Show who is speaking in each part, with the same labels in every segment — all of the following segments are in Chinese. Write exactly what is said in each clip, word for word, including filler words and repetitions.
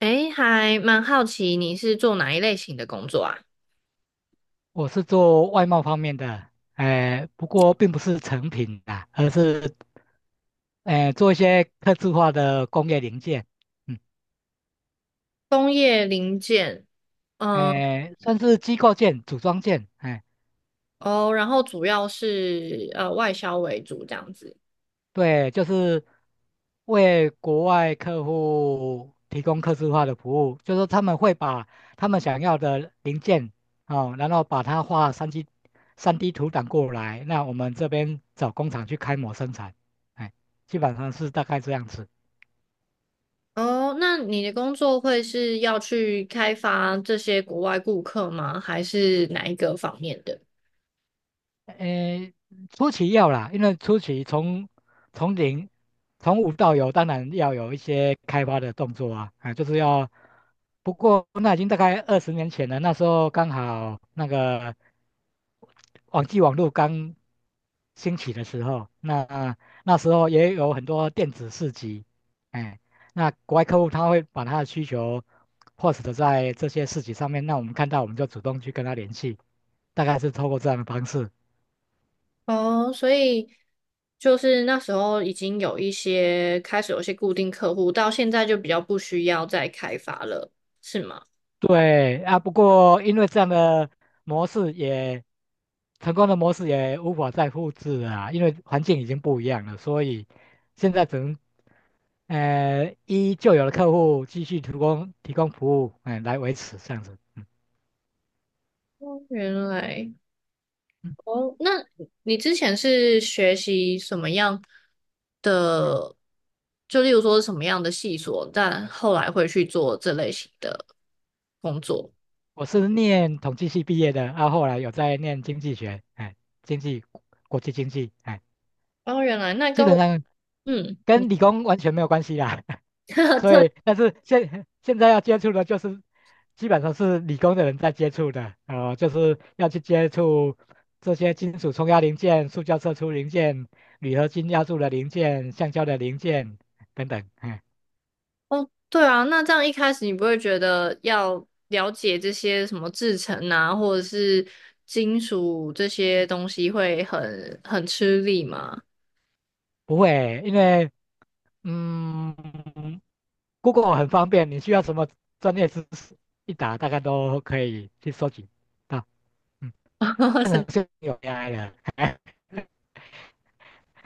Speaker 1: 诶，还蛮好奇你是做哪一类型的工作啊？
Speaker 2: 我是做外贸方面的，呃，不过并不是成品啊，而是呃做一些客制化的工业零件，嗯，
Speaker 1: 工业零件，嗯，
Speaker 2: 呃，算是机构件、组装件，哎、
Speaker 1: 哦，然后主要是呃外销为主这样子。
Speaker 2: 对，就是为国外客户提供客制化的服务，就是说他们会把他们想要的零件哦，然后把它画三 d 三 d 图档过来，那我们这边找工厂去开模生产，哎，基本上是大概这样子。
Speaker 1: 哦，那你的工作会是要去开发这些国外顾客吗？还是哪一个方面的？
Speaker 2: 诶，初期要啦，因为初期从从零从无到有，当然要有一些开发的动作啊，啊，就是要。不过那已经大概二十年前了，那时候刚好那个网际网络刚兴起的时候，那那时候也有很多电子市集，哎，那国外客户他会把他的需求 post 在这些市集上面，那我们看到我们就主动去跟他联系，大概是透过这样的方式。
Speaker 1: 哦，所以就是那时候已经有一些开始有一些固定客户，到现在就比较不需要再开发了，是吗？
Speaker 2: 对啊，不过因为这样的模式也成功的模式也无法再复制了啊，因为环境已经不一样了，所以现在只能呃依旧有的客户继续提供提供服务，嗯，来维持这样子。嗯
Speaker 1: 哦，原来。
Speaker 2: 嗯，
Speaker 1: 哦，那你之前是学习什么样的？就例如说什么样的细所，但后来会去做这类型的工作。
Speaker 2: 我是念统计系毕业的，啊，后来有在念经济学，哎，经济国际经济，哎，
Speaker 1: 哦，原来那
Speaker 2: 基
Speaker 1: 跟
Speaker 2: 本
Speaker 1: 我
Speaker 2: 上
Speaker 1: 嗯，
Speaker 2: 跟理工完全没有关系啦。所
Speaker 1: 对
Speaker 2: 以但是现现在要接触的就是基本上是理工的人在接触的，呃，就是要去接触这些金属冲压零件、塑胶射出零件、铝合金压铸的零件、橡胶的零件等等，嗯。
Speaker 1: 哦，对啊，那这样一开始你不会觉得要了解这些什么制成啊，或者是金属这些东西会很很吃力吗？
Speaker 2: 不会，因为嗯，Google 很方便，你需要什么专业知识，一打大概都可以去收集到。嗯，这个 是有 A I 的，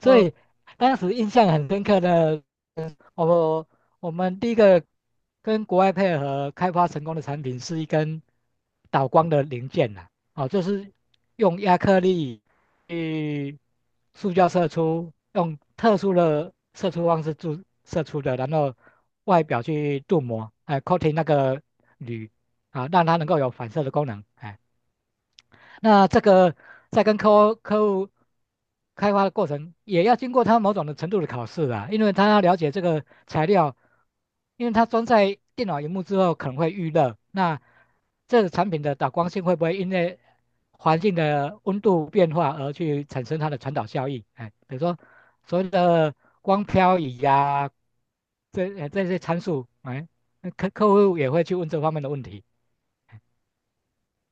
Speaker 2: 所以
Speaker 1: 哦。
Speaker 2: 当时印象很深刻的，嗯我我们第一个跟国外配合开发成功的产品是一根导光的零件呐、哦，就是用亚克力去塑胶射出，用特殊的射出方式注射出的，然后外表去镀膜，哎，coating 那个铝啊，让它能够有反射的功能，哎，那这个在跟客户客户开发的过程，也要经过他某种的程度的考试啊，因为他要了解这个材料，因为他装在电脑荧幕之后可能会遇热，那这个产品的导光性会不会因为环境的温度变化而去产生它的传导效应？哎，比如说所谓的光漂移呀、这哎这些参数，哎，那客客户也会去问这方面的问题，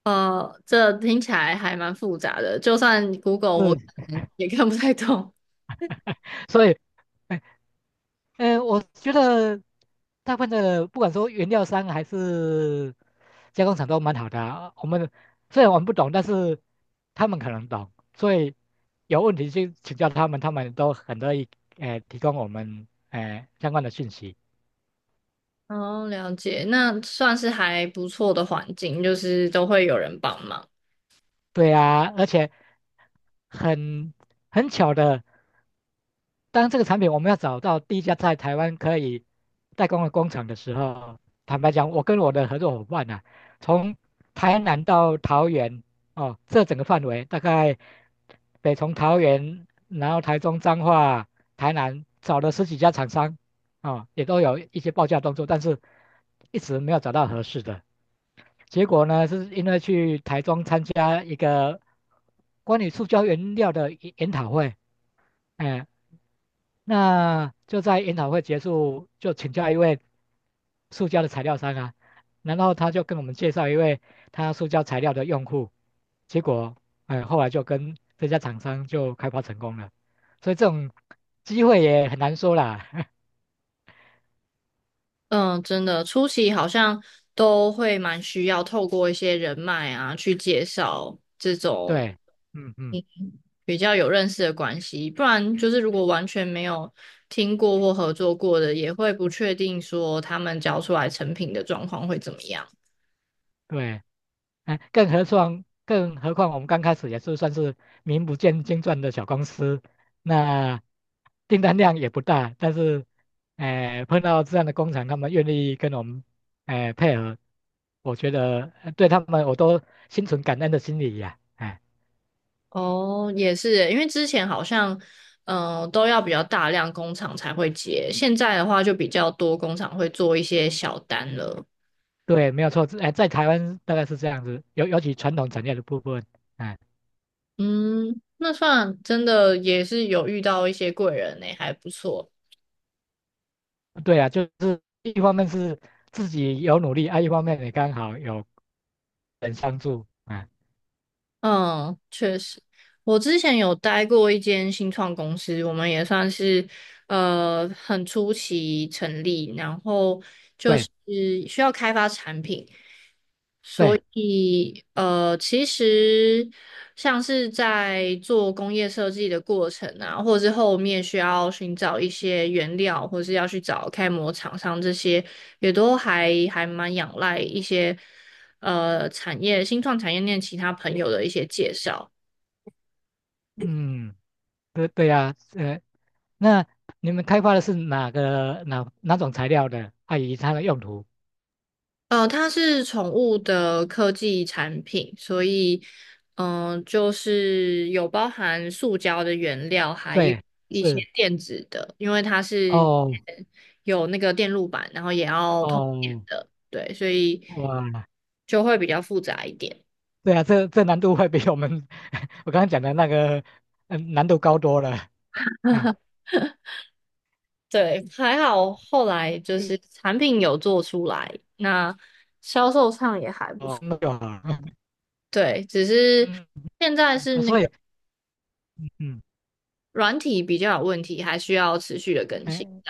Speaker 1: 呃，这听起来还蛮复杂的，就算 Google 我
Speaker 2: 嗯，
Speaker 1: 可能也看不太懂。
Speaker 2: 所以哎，呃，我觉得大部分的不管说原料商还是加工厂都蛮好的啊我们虽然我们不懂，但是他们可能懂，所以有问题去请教他们，他们都很乐意呃提供我们呃相关的讯息。
Speaker 1: 哦，了解，那算是还不错的环境，就是都会有人帮忙。
Speaker 2: 对啊，而且很很巧的。当这个产品我们要找到第一家在台湾可以代工的工厂的时候，坦白讲，我跟我的合作伙伴啊，从台南到桃园哦，这整个范围大概北从桃园，然后台中、彰化、台南找了十几家厂商啊、哦也都有一些报价动作，但是一直没有找到合适的。结果呢，是因为去台中参加一个关于塑胶原料的研研讨会，哎、那就在研讨会结束，就请教一位塑胶的材料商啊，然后他就跟我们介绍一位他塑胶材料的用户，结果，哎，后来就跟这家厂商就开发成功了，所以这种机会也很难说啦。
Speaker 1: 嗯，真的，初期好像都会蛮需要透过一些人脉啊，去介绍这种
Speaker 2: 对，嗯嗯，
Speaker 1: 嗯比较有认识的关系，不然就是如果完全没有听过或合作过的，也会不确定说他们交出来成品的状况会怎么样。
Speaker 2: 对。哎，更何况，更何况我们刚开始也是算是名不见经传的小公司，那订单量也不大，但是，哎，碰到这样的工厂，他们愿意跟我们，哎，配合，我觉得呃对他们我都心存感恩的心理呀、哎，
Speaker 1: 哦，也是耶，因为之前好像，嗯、都要比较大量工厂才会接，现在的话就比较多工厂会做一些小单了。
Speaker 2: 对，没有错，哎，在台湾大概是这样子，尤尤其传统产业的部分，哎，
Speaker 1: 嗯，那算真的也是有遇到一些贵人呢、还不错。
Speaker 2: 对啊，就是一方面是自己有努力，啊，一方面也刚好有人相助，啊，
Speaker 1: 嗯，确实，我之前有待过一间新创公司，我们也算是呃很初期成立，然后就是
Speaker 2: 对
Speaker 1: 需要开发产品。所
Speaker 2: 对，
Speaker 1: 以，呃，其实像是在做工业设计的过程啊，或者是后面需要寻找一些原料，或是要去找开模厂商这些，也都还还蛮仰赖一些呃产业新创产业链其他朋友的一些介绍。
Speaker 2: 嗯。对对呀，呃，那你们开发的是哪个哪哪种材料的？啊，以及它的用途？
Speaker 1: 呃，它是宠物的科技产品，所以，嗯、就是有包含塑胶的原料，还有
Speaker 2: 对，
Speaker 1: 一些
Speaker 2: 是
Speaker 1: 电子的，因为它是
Speaker 2: 哦
Speaker 1: 有那个电路板，然后也要通电
Speaker 2: 哦，
Speaker 1: 的，对，所以
Speaker 2: 哇，
Speaker 1: 就会比较复杂一点。
Speaker 2: 对啊，这这难度会比我们 我刚刚讲的那个嗯难度高多了。哎，
Speaker 1: 对，还好后来就
Speaker 2: 嗯
Speaker 1: 是产品有做出来，那销售上也还不错。
Speaker 2: 哦，那就好了。
Speaker 1: 对，只是
Speaker 2: 嗯，
Speaker 1: 现在是
Speaker 2: 嗯
Speaker 1: 那
Speaker 2: 所以
Speaker 1: 个。
Speaker 2: 嗯，
Speaker 1: 软体比较有问题，还需要持续的更新。
Speaker 2: 哎，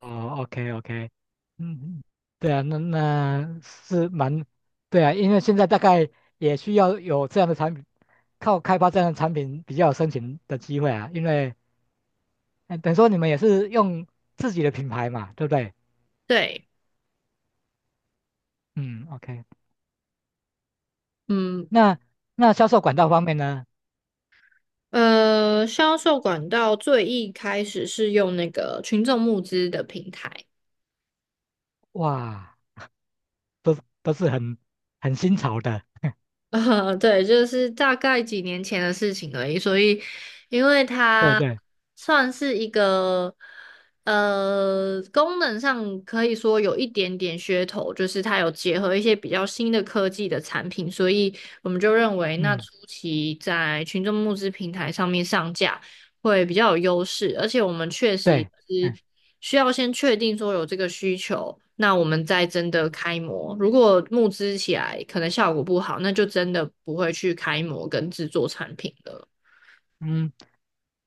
Speaker 2: 哦，OK OK，嗯嗯，对啊，那那是蛮，对啊，因为现在大概也需要有这样的产品，靠开发这样的产品比较有生存的机会啊，因为呃等于说你们也是用自己的品牌嘛，对不对？
Speaker 1: 对，
Speaker 2: 嗯，OK，
Speaker 1: 嗯，
Speaker 2: 那那销售管道方面呢？
Speaker 1: 呃，销售管道最一开始是用那个群众募资的平台，
Speaker 2: 哇，都是都是很很新潮的，
Speaker 1: 呃，对，就是大概几年前的事情而已。所以，因为
Speaker 2: 对
Speaker 1: 它
Speaker 2: 对，
Speaker 1: 算是一个呃功能上可以说有一点点噱头，就是它有结合一些比较新的科技的产品，所以我们就认为那初
Speaker 2: 嗯
Speaker 1: 期在群众募资平台上面上架。会比较有优势，而且我们确实
Speaker 2: 对，
Speaker 1: 是
Speaker 2: 嗯
Speaker 1: 需要先确定说有这个需求，那我们再真的开模。如果募资起来可能效果不好，那就真的不会去开模跟制作产品了。
Speaker 2: 嗯，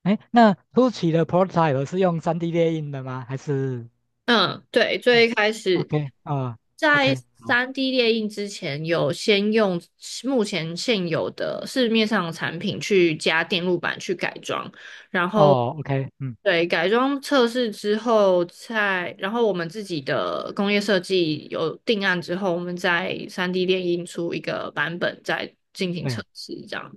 Speaker 2: 哎，那初期的 prototype 是用 三 D 列印的吗？还是？
Speaker 1: 嗯，对，最一开始
Speaker 2: OK，啊
Speaker 1: 在
Speaker 2: ，OK，好，
Speaker 1: 三 d 列印之前，有先用目前现有的市面上的产品去加电路板去改装，然后
Speaker 2: 哦，OK，嗯，
Speaker 1: 对改装测试之后再，然后我们自己的工业设计有定案之后，我们再三 d 列印出一个版本再进行测
Speaker 2: 对
Speaker 1: 试，这样。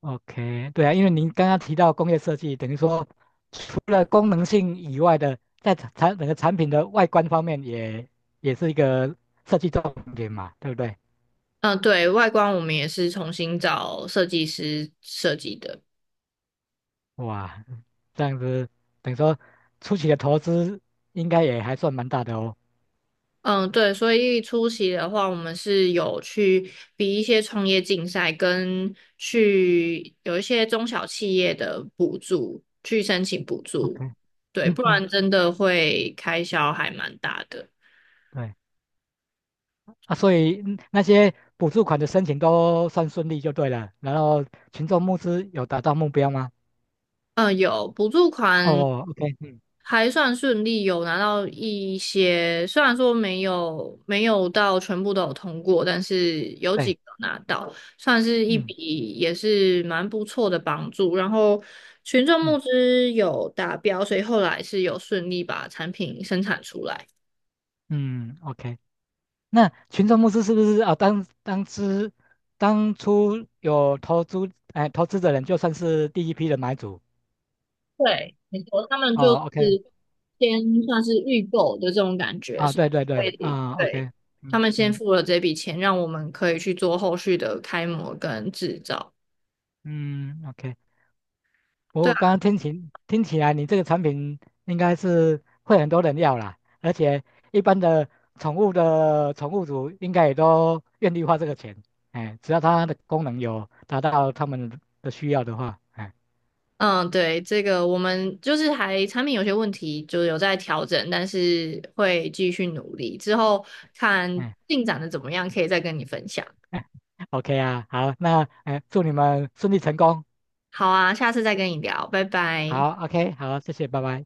Speaker 2: ，OK，对啊，因为您刚刚提到工业设计，等于说除了功能性以外的，在产产整个产品的外观方面也也是一个设计重点嘛，对不对？
Speaker 1: 嗯，对，外观我们也是重新找设计师设计的。
Speaker 2: 哇，这样子等于说初期的投资应该也还算蛮大的哦。
Speaker 1: 嗯，对，所以出席的话，我们是有去比一些创业竞赛，跟去有一些中小企业的补助，去申请补
Speaker 2: OK，
Speaker 1: 助，对，
Speaker 2: 嗯
Speaker 1: 不
Speaker 2: 嗯，
Speaker 1: 然真的会开销还蛮大的。
Speaker 2: 对，啊，所以嗯那些补助款的申请都算顺利就对了，然后群众募资有达到目标吗？
Speaker 1: 嗯，有补助款
Speaker 2: 哦，OK，嗯，
Speaker 1: 还算顺利，有拿到一些，虽然说没有没有到全部都有通过，但是有几
Speaker 2: 对，
Speaker 1: 个拿到，算是一笔
Speaker 2: 嗯
Speaker 1: 也是蛮不错的帮助。然后群众募
Speaker 2: 嗯
Speaker 1: 资有达标，所以后来是有顺利把产品生产出来。
Speaker 2: 嗯，OK。那群众募资是不是啊？当当之当初有投资哎投资的人，就算是第一批的买主
Speaker 1: 对，没错，他们就
Speaker 2: 哦，OK
Speaker 1: 是先算是预购的这种感觉，
Speaker 2: 啊，
Speaker 1: 是
Speaker 2: 对对对
Speaker 1: 会
Speaker 2: 啊
Speaker 1: 对，
Speaker 2: ，OK，
Speaker 1: 他
Speaker 2: 嗯
Speaker 1: 们先
Speaker 2: 嗯
Speaker 1: 付了这笔钱，让我们可以去做后续的开模跟制造。
Speaker 2: 嗯，OK。
Speaker 1: 对
Speaker 2: 我刚刚听起听起来，你这个产品应该是会很多人要啦，而且一般的宠物的宠物主应该也都愿意花这个钱，哎，只要它的功能有达到他们的需要的话，哎
Speaker 1: 嗯，对，这个我们就是还产品有些问题，就是有在调整，但是会继续努力，之后看
Speaker 2: 哎
Speaker 1: 进展的怎么样，可以再跟你分享。
Speaker 2: 哎，OK 啊，好，那哎，祝你们顺利成功，
Speaker 1: 好啊，下次再跟你聊，拜拜。
Speaker 2: 好，OK，好，谢谢，拜拜。